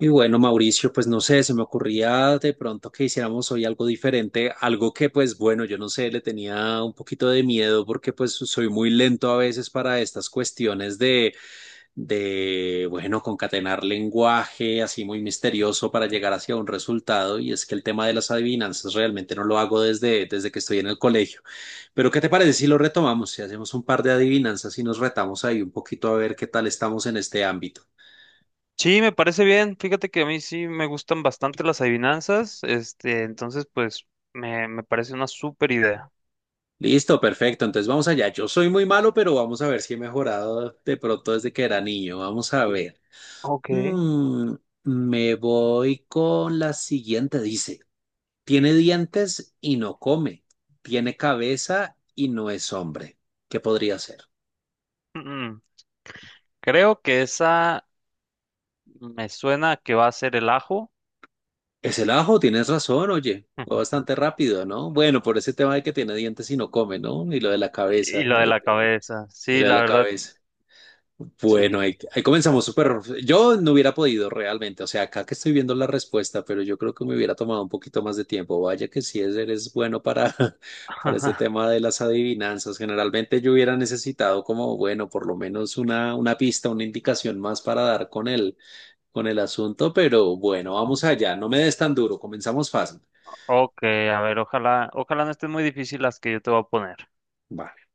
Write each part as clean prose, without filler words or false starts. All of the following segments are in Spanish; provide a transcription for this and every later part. Y bueno, Mauricio, pues no sé, se me ocurría de pronto que hiciéramos hoy algo diferente, algo que pues bueno, yo no sé, le tenía un poquito de miedo porque pues soy muy lento a veces para estas cuestiones de, bueno, concatenar lenguaje así muy misterioso para llegar hacia un resultado y es que el tema de las adivinanzas realmente no lo hago desde que estoy en el colegio. Pero ¿qué te parece si lo retomamos, si hacemos un par de adivinanzas y nos retamos ahí un poquito a ver qué tal estamos en este ámbito? Sí, me parece bien. Fíjate que a mí sí me gustan bastante las adivinanzas. Entonces, pues, me parece una súper idea. Listo, perfecto. Entonces vamos allá. Yo soy muy malo, pero vamos a ver si he mejorado de pronto desde que era niño. Vamos a ver. Ok. Mm, Me voy con la siguiente. Dice, tiene dientes y no come. Tiene cabeza y no es hombre. ¿Qué podría ser? Mm, Creo que esa me suena a que va a ser el ajo Es el ajo, tienes razón, oye. Fue bastante rápido, ¿no? Bueno, por ese tema de que tiene dientes y no come, ¿no? Y lo de la y cabeza. lo de la cabeza. Y lo Sí, de la la verdad, cabeza. Bueno, sí. ahí comenzamos súper. Yo no hubiera podido realmente, o sea, acá que estoy viendo la respuesta, pero yo creo que me hubiera tomado un poquito más de tiempo. Vaya que sí es, eres bueno para, para este tema de las adivinanzas. Generalmente yo hubiera necesitado como, bueno, por lo menos una pista, una indicación más para dar con con el asunto, pero bueno, vamos allá. No me des tan duro, comenzamos fácil. Ok, a ver, ojalá no estén muy difíciles las que yo te voy a poner. Vale.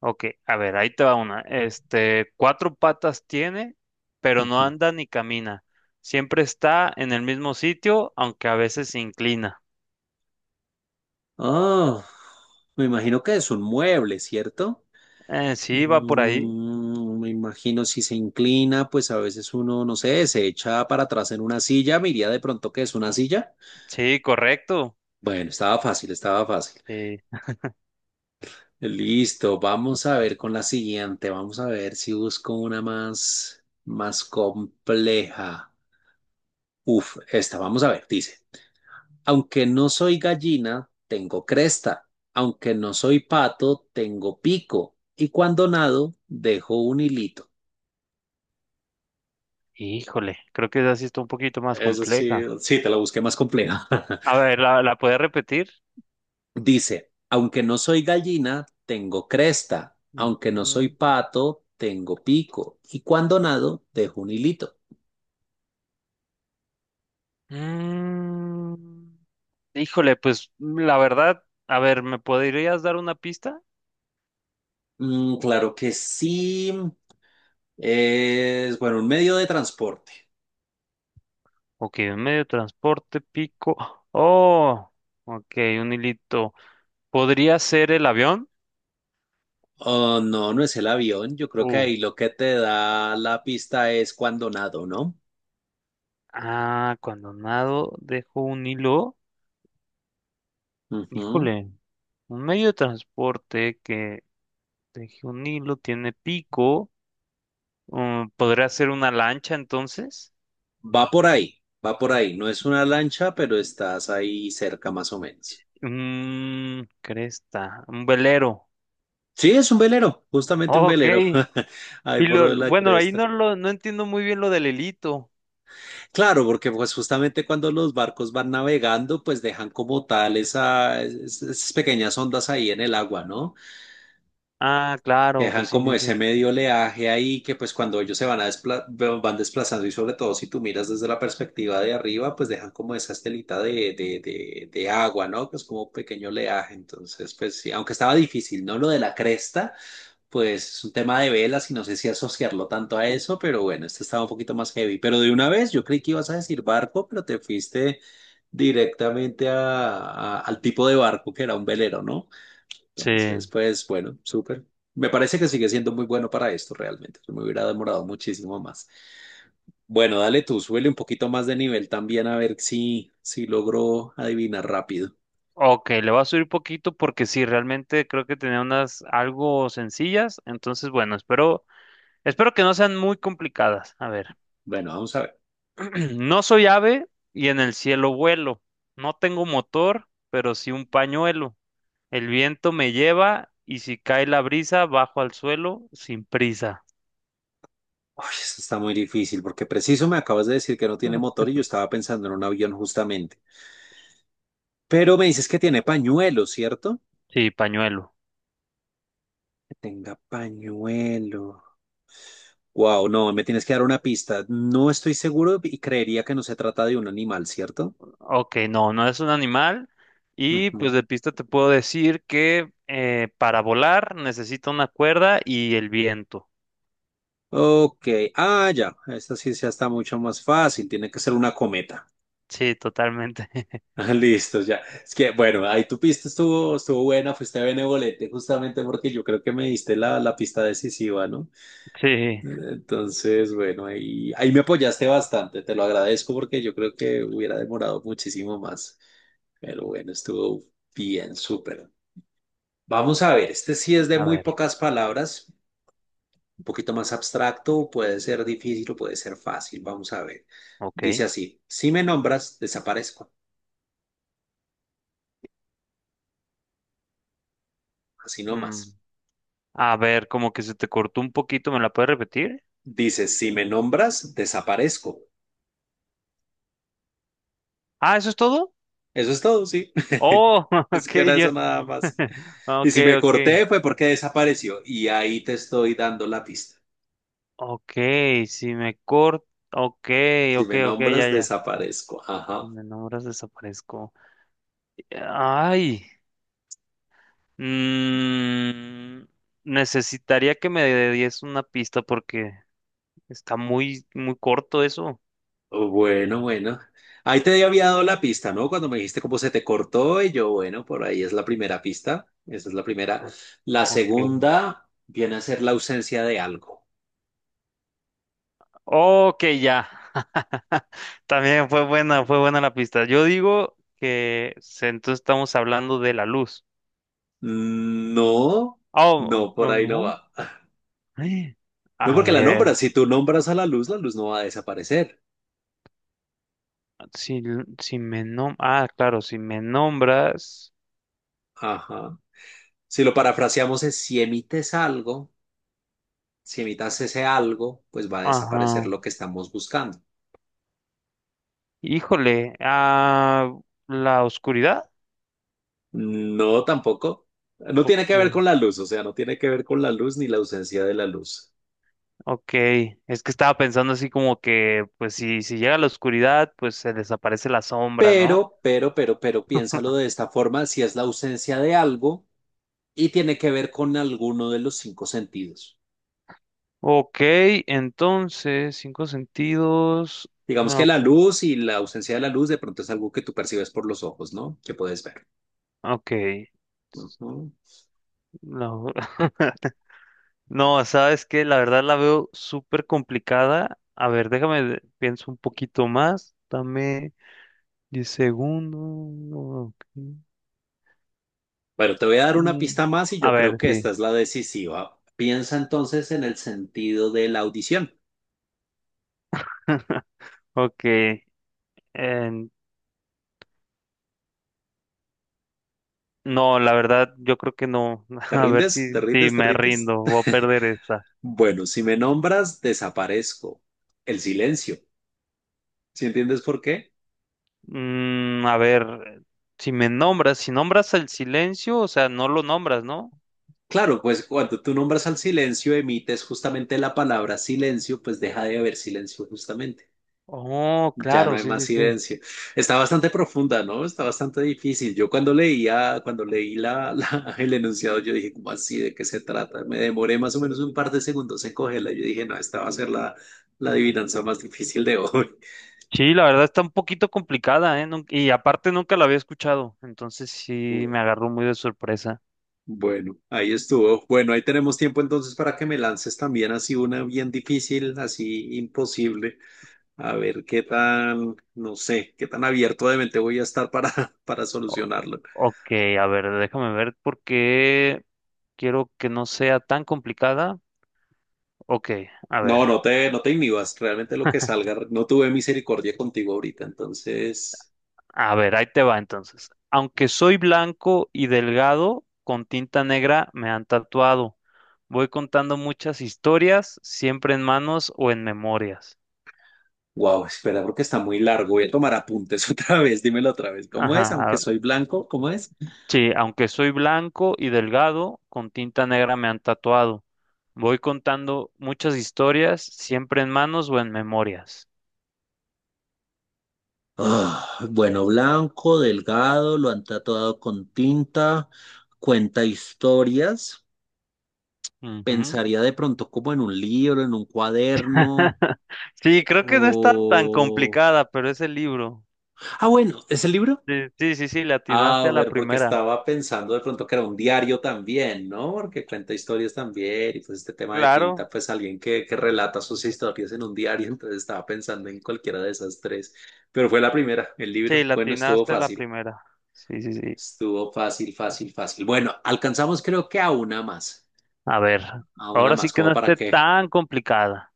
Ok, a ver, ahí te va una. Cuatro patas tiene, pero no Ujú. anda ni camina. Siempre está en el mismo sitio, aunque a veces se inclina. Ah, me imagino que es un mueble, ¿cierto? Sí, va por ahí. Mm, me imagino si se inclina, pues a veces uno, no sé, se echa para atrás en una silla, me iría de pronto que es una silla. Sí, correcto. Bueno, estaba fácil, estaba fácil. Sí. Listo, vamos a ver con la siguiente, vamos a ver si busco una más, más compleja. Uf, esta, vamos a ver, dice, aunque no soy gallina, tengo cresta, aunque no soy pato, tengo pico, y cuando nado, dejo un hilito. Híjole, creo que esa sí está un poquito más Eso sí, compleja. sí, te la busqué más compleja. A ver, ¿la puedes repetir? Dice, aunque no soy gallina, tengo cresta, aunque no soy Ujú. pato, tengo pico, y cuando nado, dejo un hilito. Mm, Híjole, pues la verdad, a ver, ¿me podrías dar una pista? Mm, claro que sí. Es, bueno, un medio de transporte. Ok, un medio de transporte, pico. Oh, ok, un hilito. ¿Podría ser el avión? Oh, no, no es el avión. Yo creo que Uh. ahí lo que te da la pista es cuando nado, ¿no? Ah, cuando nado dejo un hilo. Ujú. Híjole, un medio de transporte que deje un hilo tiene pico. ¿Podría ser una lancha entonces? Va por ahí, va por ahí. No es una lancha, pero estás ahí cerca más o menos. Cresta, un velero. Sí, es un velero, justamente un Ok. velero. Ahí Y por lo de la bueno, ahí cresta. no lo, no entiendo muy bien lo del hilito. Claro, porque pues justamente cuando los barcos van navegando, pues dejan como tal esas pequeñas ondas ahí en el agua, ¿no? Ah, Que claro, dejan pues sí, como sí, ese sí. medio oleaje ahí que pues cuando ellos se van a van desplazando y sobre todo si tú miras desde la perspectiva de arriba, pues dejan como esa estelita de agua, ¿no? Que es como un pequeño oleaje. Entonces, pues sí, aunque estaba difícil, ¿no? Lo de la cresta. Pues es un tema de velas y no sé si asociarlo tanto a eso, pero bueno, este estaba un poquito más heavy. Pero de una vez, yo creí que ibas a decir barco, pero te fuiste directamente al tipo de barco que era un velero, ¿no? Entonces, Sí. pues bueno, súper. Me parece que sigue siendo muy bueno para esto realmente. Me hubiera demorado muchísimo más. Bueno, dale tú, súbele un poquito más de nivel también a ver si logro adivinar rápido. Ok, le voy a subir poquito porque sí, realmente creo que tenía unas algo sencillas. Entonces, bueno, Espero que no sean muy complicadas. A ver, Bueno, vamos a ver. no soy ave y en el cielo vuelo. No tengo motor, pero sí un pañuelo. El viento me lleva y si cae la brisa, bajo al suelo sin prisa. Uy, eso está muy difícil porque preciso me acabas de decir que no tiene motor y yo estaba pensando en un avión justamente. Pero me dices que tiene pañuelo, ¿cierto? Sí, pañuelo. Que tenga pañuelo. Wow, no, me tienes que dar una pista. No estoy seguro y creería que no se trata de un animal, ¿cierto? Ok, no, no es un animal. Y pues Ujú. de pista te puedo decir que para volar necesito una cuerda y el viento. Ok, ah, ya, esta sí ya está mucho más fácil, tiene que ser una cometa. Sí, totalmente. Ah, Listo, ya. Es que, bueno, ahí tu pista estuvo, estuvo buena, fuiste benevolente justamente porque yo creo que me diste la pista decisiva, ¿no? Sí, Entonces, bueno, ahí me apoyaste bastante, te lo agradezco porque yo creo que hubiera demorado muchísimo más, pero bueno, estuvo bien, súper. Vamos a ver, este sí es de a muy ver, pocas palabras, un poquito más abstracto, puede ser difícil o puede ser fácil, vamos a ver. Dice ok. así, si me nombras, desaparezco, así Mm, nomás. A ver, como que se te cortó un poquito, ¿me la puedes repetir? Dice, si me nombras, desaparezco. Ah, ¿eso es todo? Eso es todo, sí. Oh, Es ok, que era yo. eso nada más. Y Ok, si me ok. corté fue porque desapareció. Y ahí te estoy dando la pista. Ok, si me corto. Ok, Si ok, me ok, ya, nombras, ya. desaparezco. Ajá. Si me nombras, desaparezco. Ay. mm, Necesitaría que me des una pista porque está muy, muy corto eso. Bueno, bueno. Ahí te había dado la pista, ¿no? Cuando me dijiste cómo se te cortó, y yo, bueno, por ahí es la primera pista. Esa es la primera. La Ok. segunda viene a ser la ausencia de algo. Ok, ya. También fue buena la pista. Yo digo que entonces estamos hablando de la luz. No, Oh, no, por no, ahí no no. va. Eh, No A porque la ver, nombras. Si tú nombras a la luz no va a desaparecer. si, si me nom... Ah, claro, si me nombras. Ajá. Si lo parafraseamos es, si emites algo, si emitas ese algo, pues va a desaparecer Ajá. lo que estamos buscando. Híjole, ah, ¿la oscuridad? No, tampoco. No tiene Ok, que ver con la luz, o sea, no tiene que ver con la luz ni la ausencia de la luz. ok. Es que estaba pensando así como que, pues si llega la oscuridad, pues se desaparece la sombra, ¿no? Pero, piénsalo de esta forma, si es la ausencia de algo y tiene que ver con alguno de los cinco sentidos. Ok, entonces, cinco sentidos. Digamos No, que la ok. luz y la ausencia de la luz de pronto es algo que tú percibes por los ojos, ¿no? Que puedes ver. Ok. Ujú. No. No, sabes que la verdad la veo súper complicada. A ver, déjame, pienso un poquito más. Dame 10 segundos. Ok. Bueno, te voy a dar una Mm, pista más y A yo creo ver, que esta sí. es la decisiva. Piensa entonces en el sentido de la audición. Ok. en- no, la verdad, yo creo que no. ¿Te A ver si, rindes? ¿Te si rindes? ¿Te me rindes? rindo, voy a perder esta. Bueno, si me nombras, desaparezco. El silencio. ¿Sí entiendes por qué? A ver, si me nombras, si nombras el silencio, o sea, no lo nombras, ¿no? Claro, pues cuando tú nombras al silencio, emites justamente la palabra silencio, pues deja de haber silencio justamente. Oh, Ya no claro, hay sí, más sí, sí. silencio. Está bastante profunda, ¿no? Está bastante difícil. Yo cuando leía, cuando leí el enunciado, yo dije, ¿cómo así? ¿De qué se trata? Me demoré más o menos un par de segundos en cogerla. Yo dije, no, esta va a ser la adivinanza más difícil de hoy. Sí, la verdad está un poquito complicada, ¿eh? Y aparte nunca la había escuchado, entonces sí me agarró muy de sorpresa. Bueno, ahí estuvo. Bueno, ahí tenemos tiempo entonces para que me lances también así una bien difícil, así imposible. A ver qué tan, no sé, qué tan abierto de mente voy a estar para, para O- solucionarlo. ok, a ver, déjame ver por qué quiero que no sea tan complicada. Ok, a No, ver, no te, no te inhibas, realmente lo que salga, no tuve misericordia contigo ahorita, entonces, a ver, ahí te va entonces. Aunque soy blanco y delgado, con tinta negra me han tatuado. Voy contando muchas historias, siempre en manos o en memorias. wow, espera, porque está muy largo, voy a tomar apuntes otra vez, dímelo otra vez, ¿cómo es? Aunque Ajá, soy blanco, ¿cómo es? sí, aunque soy blanco y delgado, con tinta negra me han tatuado. Voy contando muchas historias, siempre en manos o en memorias. Ah, bueno, blanco, delgado, lo han tatuado con tinta, cuenta historias, Ujú. pensaría de pronto como en un libro, en un cuaderno, Sí, creo que no está tan o... complicada, pero es el libro. Ah, bueno, ¿es el libro? Sí, sí, sí, sí, le atinaste Ah, a la bueno, porque primera. estaba pensando de pronto que era un diario también, ¿no? Porque cuenta historias también y pues este tema de tinta, Claro, pues alguien que relata sus historias en un diario, entonces estaba pensando en cualquiera de esas tres, pero fue la primera, el sí, libro. le Bueno, atinaste a la primera. Sí, sí, sí. estuvo fácil, fácil, fácil. Bueno, alcanzamos creo que A ver, a una ahora sí más, que como no para esté tan complicada,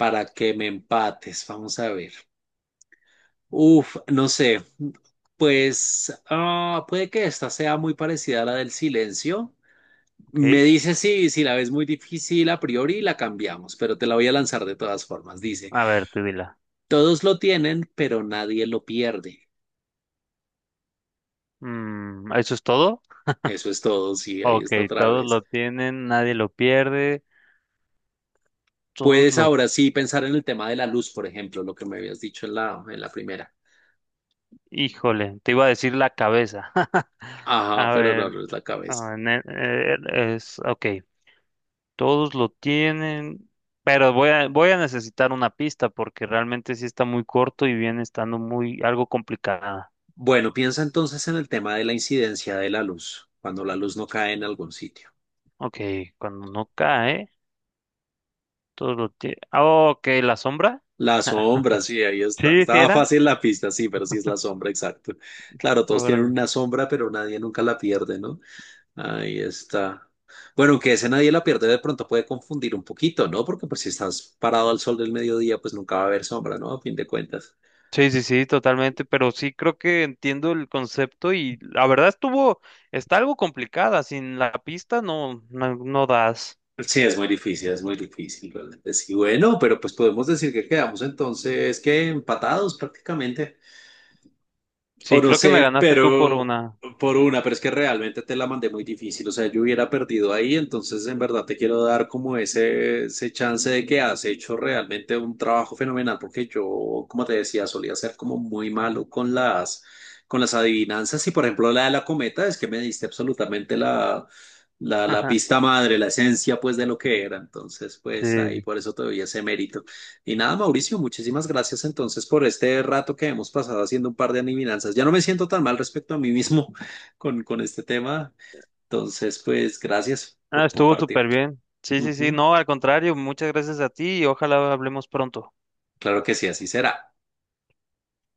para que me empates, vamos a ver. Uf, no sé, pues ah, puede que esta sea muy parecida a la del silencio. ¿ok? Me dice sí, si la ves muy difícil a priori, la cambiamos, pero te la voy a lanzar de todas formas. Dice, A ver, tú dila. todos lo tienen, pero nadie lo pierde. ¿Eso es todo? Eso es todo, sí, ahí Ok, está otra todos vez. lo tienen, nadie lo pierde. Todos Puedes los... ahora sí pensar en el tema de la luz, por ejemplo, lo que me habías dicho en en la primera. Híjole, te iba a decir la cabeza. Ajá, A pero no, ver, no es la a cabeza. ver, Ok, todos lo tienen, pero voy a necesitar una pista porque realmente sí está muy corto y viene estando muy algo complicada. Bueno, piensa entonces en el tema de la incidencia de la luz, cuando la luz no cae en algún sitio. Ok, cuando no cae, Ah, ok, la sombra. La sombra, sí, ahí está. Sí, sí Estaba era. fácil la pista, sí, pero sí es la sombra, exacto. Claro, todos tienen una sombra, pero nadie nunca la pierde, ¿no? Ahí está. Bueno, aunque ese nadie la pierde, de pronto puede confundir un poquito, ¿no? Porque pues si estás parado al sol del mediodía, pues nunca va a haber sombra, ¿no? A fin de cuentas. Sí, sí, sí, totalmente, pero sí creo que entiendo el concepto y la verdad está algo complicada, sin la pista no, no, no das. Sí, es muy difícil, realmente. Sí, bueno, pero pues podemos decir que quedamos entonces que empatados prácticamente. O Sí, no creo que me sé, ganaste tú por pero una. por una, pero es que realmente te la mandé muy difícil. O sea, yo hubiera perdido ahí, entonces en verdad te quiero dar como ese chance de que has hecho realmente un trabajo fenomenal, porque yo, como te decía, solía ser como muy malo con con las adivinanzas. Y por ejemplo, la de la cometa es que me diste absolutamente la pista madre, la esencia pues de lo que era. Entonces, Sí, pues ahí por eso te doy ese mérito. Y nada, Mauricio, muchísimas gracias entonces por este rato que hemos pasado haciendo un par de adivinanzas. Ya no me siento tan mal respecto a mí mismo con este tema. Entonces, pues gracias ah, por estuvo compartir. súper bien. Sí, sí, sí, Ujú. no, al contrario, muchas gracias a ti y ojalá hablemos pronto. Claro que sí, así será.